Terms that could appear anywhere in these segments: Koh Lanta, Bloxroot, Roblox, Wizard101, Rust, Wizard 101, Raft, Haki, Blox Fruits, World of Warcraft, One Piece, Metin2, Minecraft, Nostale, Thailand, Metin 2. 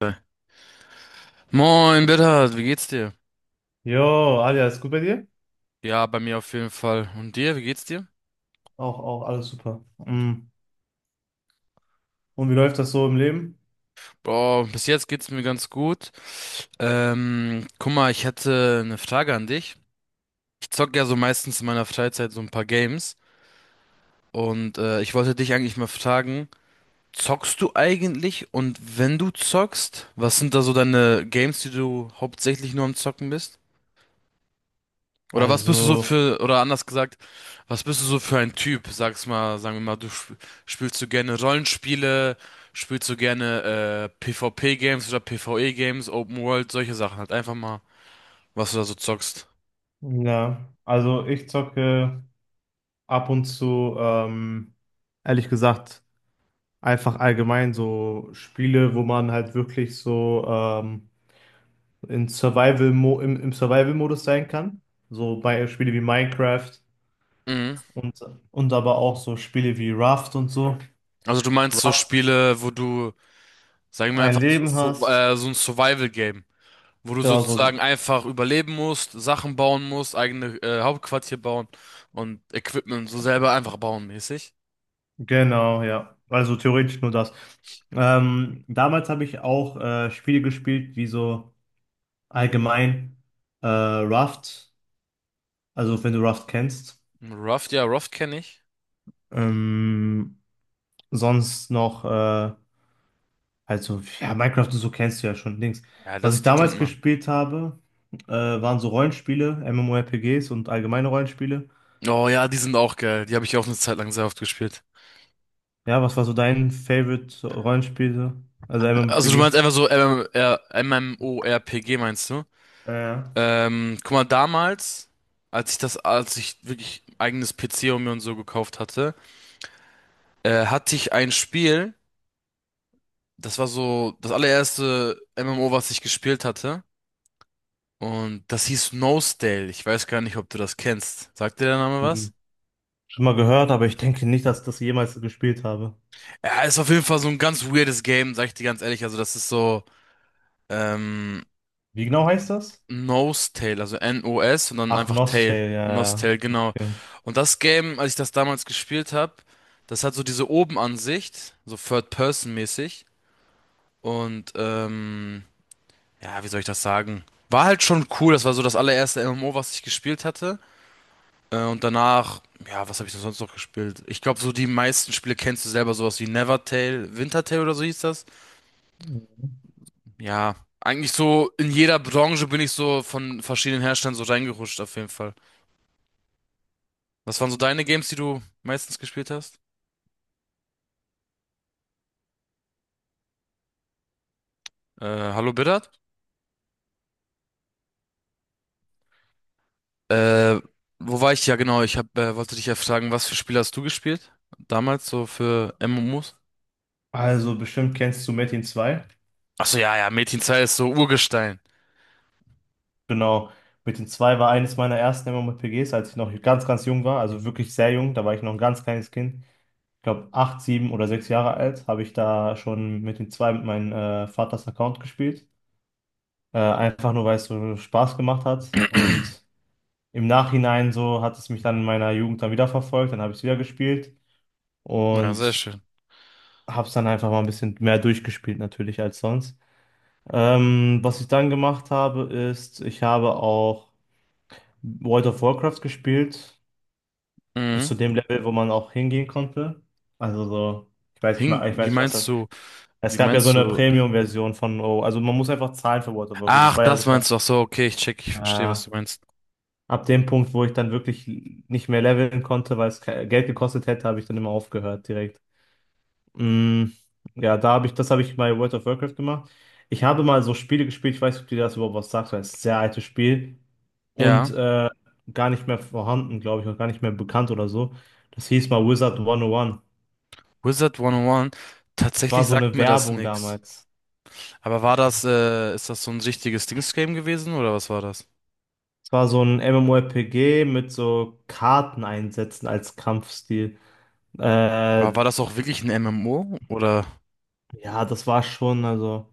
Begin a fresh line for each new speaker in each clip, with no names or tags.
Geil. Moin, Bitter, wie geht's dir?
Jo, Alia, ist gut bei dir?
Ja, bei mir auf jeden Fall. Und dir, wie geht's dir?
Auch alles super. Mm. Und wie läuft das so im Leben?
Boah, bis jetzt geht's mir ganz gut. Guck mal, ich hätte eine Frage an dich. Ich zocke ja so meistens in meiner Freizeit so ein paar Games. Und ich wollte dich eigentlich mal fragen, zockst du eigentlich? Und wenn du zockst, was sind da so deine Games, die du hauptsächlich nur am Zocken bist? Oder was bist du so
Also,
für, oder anders gesagt, was bist du so für ein Typ? Sag's mal, sagen wir mal, du sp spielst du gerne Rollenspiele, spielst du gerne PvP-Games oder PvE-Games, Open World, solche Sachen halt. Einfach mal, was du da so zockst.
ja, also ich zocke ab und zu, ehrlich gesagt, einfach allgemein so Spiele, wo man halt wirklich so in im Survival-Modus sein kann. So bei Spiele wie Minecraft
Mhm.
und, und aber auch so Spiele wie Raft und so.
Also du meinst so
Rust,
Spiele, wo du, sagen wir
ein
einfach so,
Leben
so,
hast.
so ein Survival-Game, wo du
Genau, so,
sozusagen einfach überleben musst, Sachen bauen musst, eigene Hauptquartier bauen und Equipment so selber einfach bauen mäßig.
Genau, ja. Also theoretisch nur das. Damals habe ich auch Spiele gespielt, wie so allgemein Raft, also wenn du Raft kennst.
Raft, ja, Raft kenne ich.
Ähm, Sonst noch, halt so, ja, Minecraft und so kennst du ja schon, Dings.
Ja,
Was
das,
ich
die kennt
damals
man.
gespielt habe, waren so Rollenspiele, MMORPGs und allgemeine Rollenspiele.
Oh ja, die sind auch geil. Die habe ich auch eine Zeit lang sehr oft gespielt.
Ja, was war so dein Favorite Rollenspiel, so? Also
Also du meinst
MMORPG?
einfach so MMR MMORPG meinst du?
Ja.
Guck mal, damals, als ich wirklich eigenes PC und mir und so gekauft hatte, hatte ich ein Spiel, das war so das allererste MMO, was ich gespielt hatte. Und das hieß Nosedale. Ich weiß gar nicht, ob du das kennst. Sagt dir der Name
Ja.
was?
Schon mal gehört, aber ich denke nicht, dass ich das jemals gespielt habe.
Ja, ist auf jeden Fall so ein ganz weirdes Game, sag ich dir ganz ehrlich. Also das ist so, ähm,
Wie genau heißt das?
Nostale, also N-O-S und dann
Ach,
einfach Tail.
Nostale, ja, ja.
Nostale, genau.
Okay.
Und das Game, als ich das damals gespielt habe, das hat so diese Obenansicht, so Third-Person-mäßig. Und ja, wie soll ich das sagen? War halt schon cool, das war so das allererste MMO, was ich gespielt hatte. Und danach, ja, was habe ich denn sonst noch gespielt? Ich glaube, so die meisten Spiele kennst du selber, sowas wie Nevertale, Wintertale oder so hieß das.
Mhm.
Ja, eigentlich so in jeder Branche bin ich so von verschiedenen Herstellern so reingerutscht, auf jeden Fall. Was waren so deine Games, die du meistens gespielt hast? Hallo Biddard? Äh, Wo war ich? Ja, genau. Wollte dich ja fragen, was für Spiele hast du gespielt? Damals so für MMOs?
Also bestimmt kennst du Metin 2.
Ach so, ja, ja, Metin zwei ist so Urgestein.
Genau. Metin 2 war eines meiner ersten MMORPGs, als ich noch ganz, ganz jung war. Also wirklich sehr jung. Da war ich noch ein ganz kleines Kind. Ich glaube, acht, sieben oder sechs Jahre alt habe ich da schon Metin 2 mit meinem Vaters Account gespielt. Einfach nur, weil es so Spaß gemacht hat. Und im Nachhinein so hat es mich dann in meiner Jugend dann wieder verfolgt. Dann habe ich es wieder gespielt
Ja, sehr
und
schön.
hab's dann einfach mal ein bisschen mehr durchgespielt natürlich als sonst. Was ich dann gemacht habe, ist, ich habe auch World of Warcraft gespielt, bis
Mhm.
zu dem Level, wo man auch hingehen konnte. Also so, ich weiß nicht
Hing,
mal, ich
wie
weiß nicht was.
meinst du,
Es
wie
gab ja so
meinst
eine
du?
Premium-Version von, oh, also man muss einfach zahlen für World of Warcraft. Das
Ach,
war ja
das
sogar
meinst du. Ach so, okay, ich check, ich verstehe,
äh,
was du meinst.
Ab dem Punkt, wo ich dann wirklich nicht mehr leveln konnte, weil es Geld gekostet hätte, habe ich dann immer aufgehört direkt. Mm, ja, da habe ich, das habe ich bei World of Warcraft gemacht. Ich habe mal so Spiele gespielt, ich weiß nicht, ob dir das überhaupt was sagt, weil es ist ein sehr altes Spiel und
Ja,
gar nicht mehr vorhanden, glaube ich, und gar nicht mehr bekannt oder so. Das hieß mal Wizard 101.
Wizard 101,
Es war
tatsächlich
so
sagt
eine
mir das
Werbung
nix.
damals.
Aber war das, ist das so ein richtiges Dings-Game gewesen oder was war das?
Es war so ein MMORPG mit so Karten einsetzen als Kampfstil. Äh,
War das auch wirklich ein MMO oder?
ja, das war schon, also,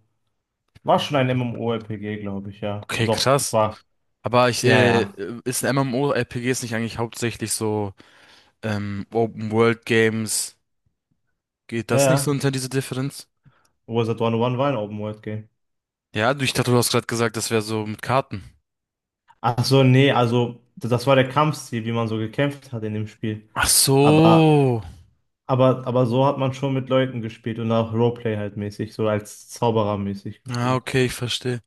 war schon ein MMORPG, glaube ich, ja.
Okay,
Doch, das
krass.
war,
Aber ich,
ja,
äh,
ja,
ist ein MMORPGs nicht eigentlich hauptsächlich so Open World Games? Geht
ja,
das nicht so
ja.
unter diese Differenz?
Wizard 101 war ein Open-World-Game.
Ich dachte, du hast gerade gesagt, das wäre so mit Karten.
Ach so, nee, also das war der Kampfstil, wie man so gekämpft hat in dem Spiel.
Ach
Aber,
so.
aber so hat man schon mit Leuten gespielt und auch Roleplay halt mäßig, so als Zauberer mäßig
Ah
gespielt.
okay, ich verstehe.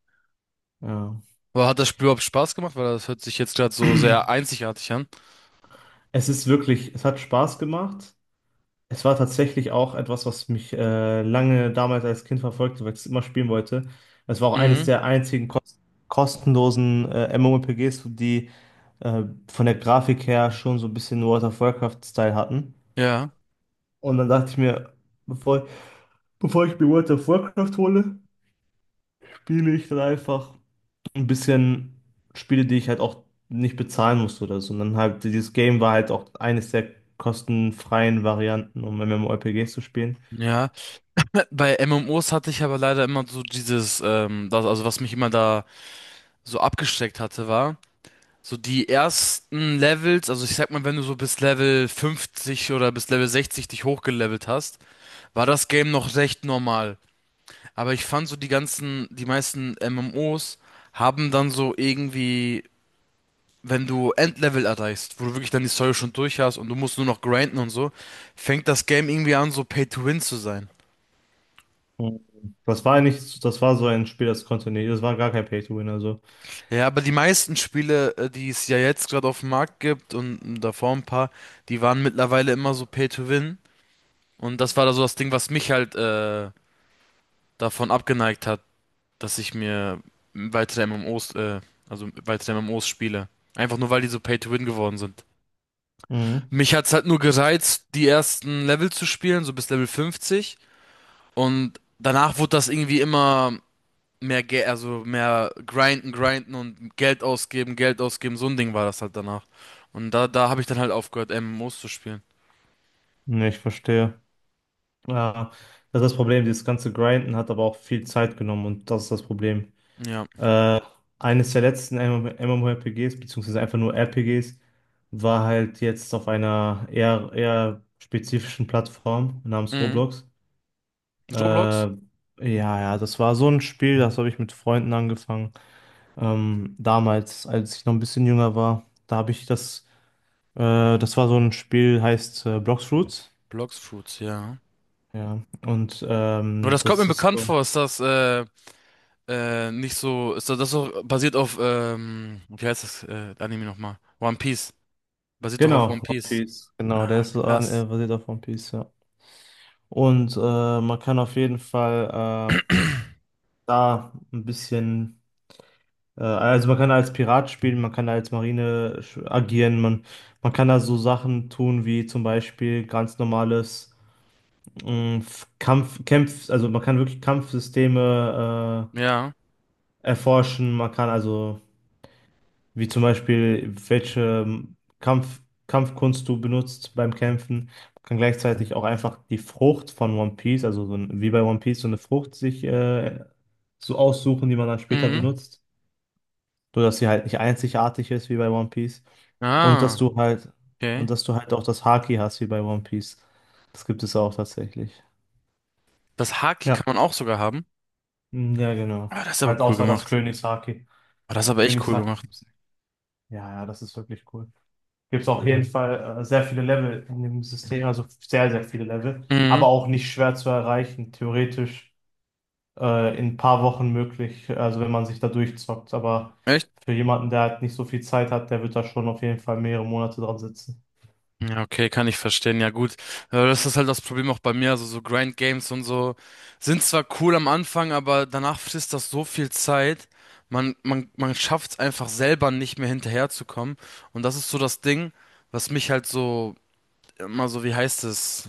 Ja.
Aber hat das Spiel überhaupt Spaß gemacht? Weil das hört sich jetzt gerade so sehr einzigartig an.
Es ist wirklich, es hat Spaß gemacht. Es war tatsächlich auch etwas, was mich lange damals als Kind verfolgte, weil ich es immer spielen wollte. Es war auch eines
Mhm.
der einzigen kostenlosen MMORPGs, die äh, von der Grafik her schon so ein bisschen World of Warcraft-Style hatten.
Ja.
Und dann dachte ich mir, bevor Bevor ich mir World of Warcraft hole, spiele ich dann einfach ein bisschen Spiele, die ich halt auch nicht bezahlen musste oder so. Und dann halt, dieses Game war halt auch eines der kostenfreien Varianten, um MMORPGs zu spielen.
Ja. Bei MMOs hatte ich aber leider immer so dieses, das, also was mich immer da so abgeschreckt hatte, war. So die ersten Levels, also ich sag mal, wenn du so bis Level 50 oder bis Level 60 dich hochgelevelt hast, war das Game noch recht normal. Aber ich fand so die ganzen, die meisten MMOs haben dann so irgendwie, wenn du Endlevel erreichst, wo du wirklich dann die Story schon durch hast und du musst nur noch grinden und so, fängt das Game irgendwie an, so Pay to Win zu sein.
Mhm. Das war nicht, das war so ein Spiel, das konnte nicht, das war gar kein Pay-to-Win, also.
Ja, aber die meisten Spiele, die es ja jetzt gerade auf dem Markt gibt und davor ein paar, die waren mittlerweile immer so Pay to Win. Und das war da so das Ding, was mich halt davon abgeneigt hat, dass ich mir weitere MMOs, äh, also weitere MMOs spiele. Einfach nur, weil die so Pay to Win geworden sind.
Mhm.
Mich hat's halt nur gereizt, die ersten Level zu spielen, so bis Level 50. Und danach wurde das irgendwie immer mehr, Ge also mehr grinden, grinden und Geld ausgeben, Geld ausgeben. So ein Ding war das halt danach. Und da habe ich dann halt aufgehört, MMOs zu spielen.
Ne, ich verstehe. Ja, das ist das Problem, dieses ganze Grinden hat aber auch viel Zeit genommen und das ist das Problem.
Ja.
Äh, Eines der letzten MMORPGs, beziehungsweise einfach nur RPGs, war halt jetzt auf einer eher spezifischen Plattform namens
Mhm.
Roblox.
Roblox?
Ja, ja, das war so ein Spiel, das habe ich mit Freunden angefangen. Damals, als ich noch ein bisschen jünger war, da habe ich das, äh, das war so ein Spiel, heißt Bloxroot.
Blox Fruits, ja.
Ja, und
Aber das kommt mir
das ist
bekannt
so,
vor, ist das nicht so, ist das so basiert auf, wie heißt das Anime nochmal? One Piece. Basiert doch auf One
genau, One
Piece.
Piece. Genau,
Ah,
der ist so
krass.
basiert auf One Piece, ja. Und man kann auf jeden Fall da ein bisschen, also man kann als Pirat spielen, man kann als Marine agieren, man kann da so Sachen tun wie zum Beispiel ganz normales Kampf, Kämpf, also man kann wirklich Kampfsysteme
Ja.
erforschen, man kann also. Wie zum Beispiel, welche Kampfkunst du benutzt beim Kämpfen. Man kann gleichzeitig auch einfach die Frucht von One Piece, also so ein, wie bei One Piece, so eine Frucht sich so aussuchen, die man dann später
Mhm.
benutzt. So dass sie halt nicht einzigartig ist wie bei One Piece. Und dass
Ah,
du halt, und
okay.
dass du halt auch das Haki hast wie bei One Piece. Das gibt es auch tatsächlich.
Das Haki kann
Ja.
man auch sogar haben.
Ja, genau.
Ah, das ist aber
Halt
cool
außer das
gemacht.
Königshaki.
Ah, das ist aber echt cool
Königshaki
gemacht.
gibt's nicht. Ja, ja, das ist wirklich cool. Gibt es auf jeden Fall sehr viele Level in dem System, also sehr, sehr viele Level, aber
Mhm.
auch nicht schwer zu erreichen, theoretisch in ein paar Wochen möglich, also wenn man sich da durchzockt, aber
Echt?
für jemanden, der halt nicht so viel Zeit hat, der wird da schon auf jeden Fall mehrere Monate dran sitzen.
Ja, okay, kann ich verstehen. Ja, gut. Das ist halt das Problem auch bei mir. Also so Grind Games und so sind zwar cool am Anfang, aber danach frisst das so viel Zeit. Man schafft es einfach selber nicht mehr hinterherzukommen. Und das ist so das Ding, was mich halt so immer so, wie heißt es?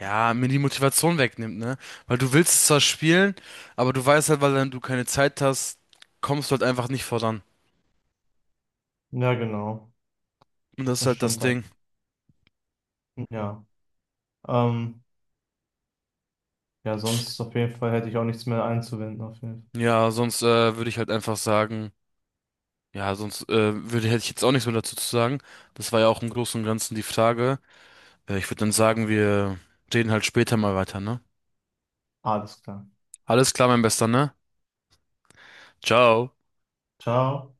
Ja, mir die Motivation wegnimmt, ne? Weil du willst es zwar spielen, aber du weißt halt, weil dann du keine Zeit hast, kommst du halt einfach nicht voran.
Ja, genau,
Und das ist
das
halt das
stimmt dann.
Ding.
Ja, ähm, ja, sonst auf jeden Fall hätte ich auch nichts mehr einzuwenden, auf jeden Fall.
Ja, sonst würde ich halt einfach sagen. Ja, sonst hätte ich jetzt auch nichts mehr dazu zu sagen. Das war ja auch im Großen und Ganzen die Frage. Ich würde dann sagen, wir reden halt später mal weiter, ne?
Alles klar.
Alles klar, mein Bester, ne? Ciao.
Ciao.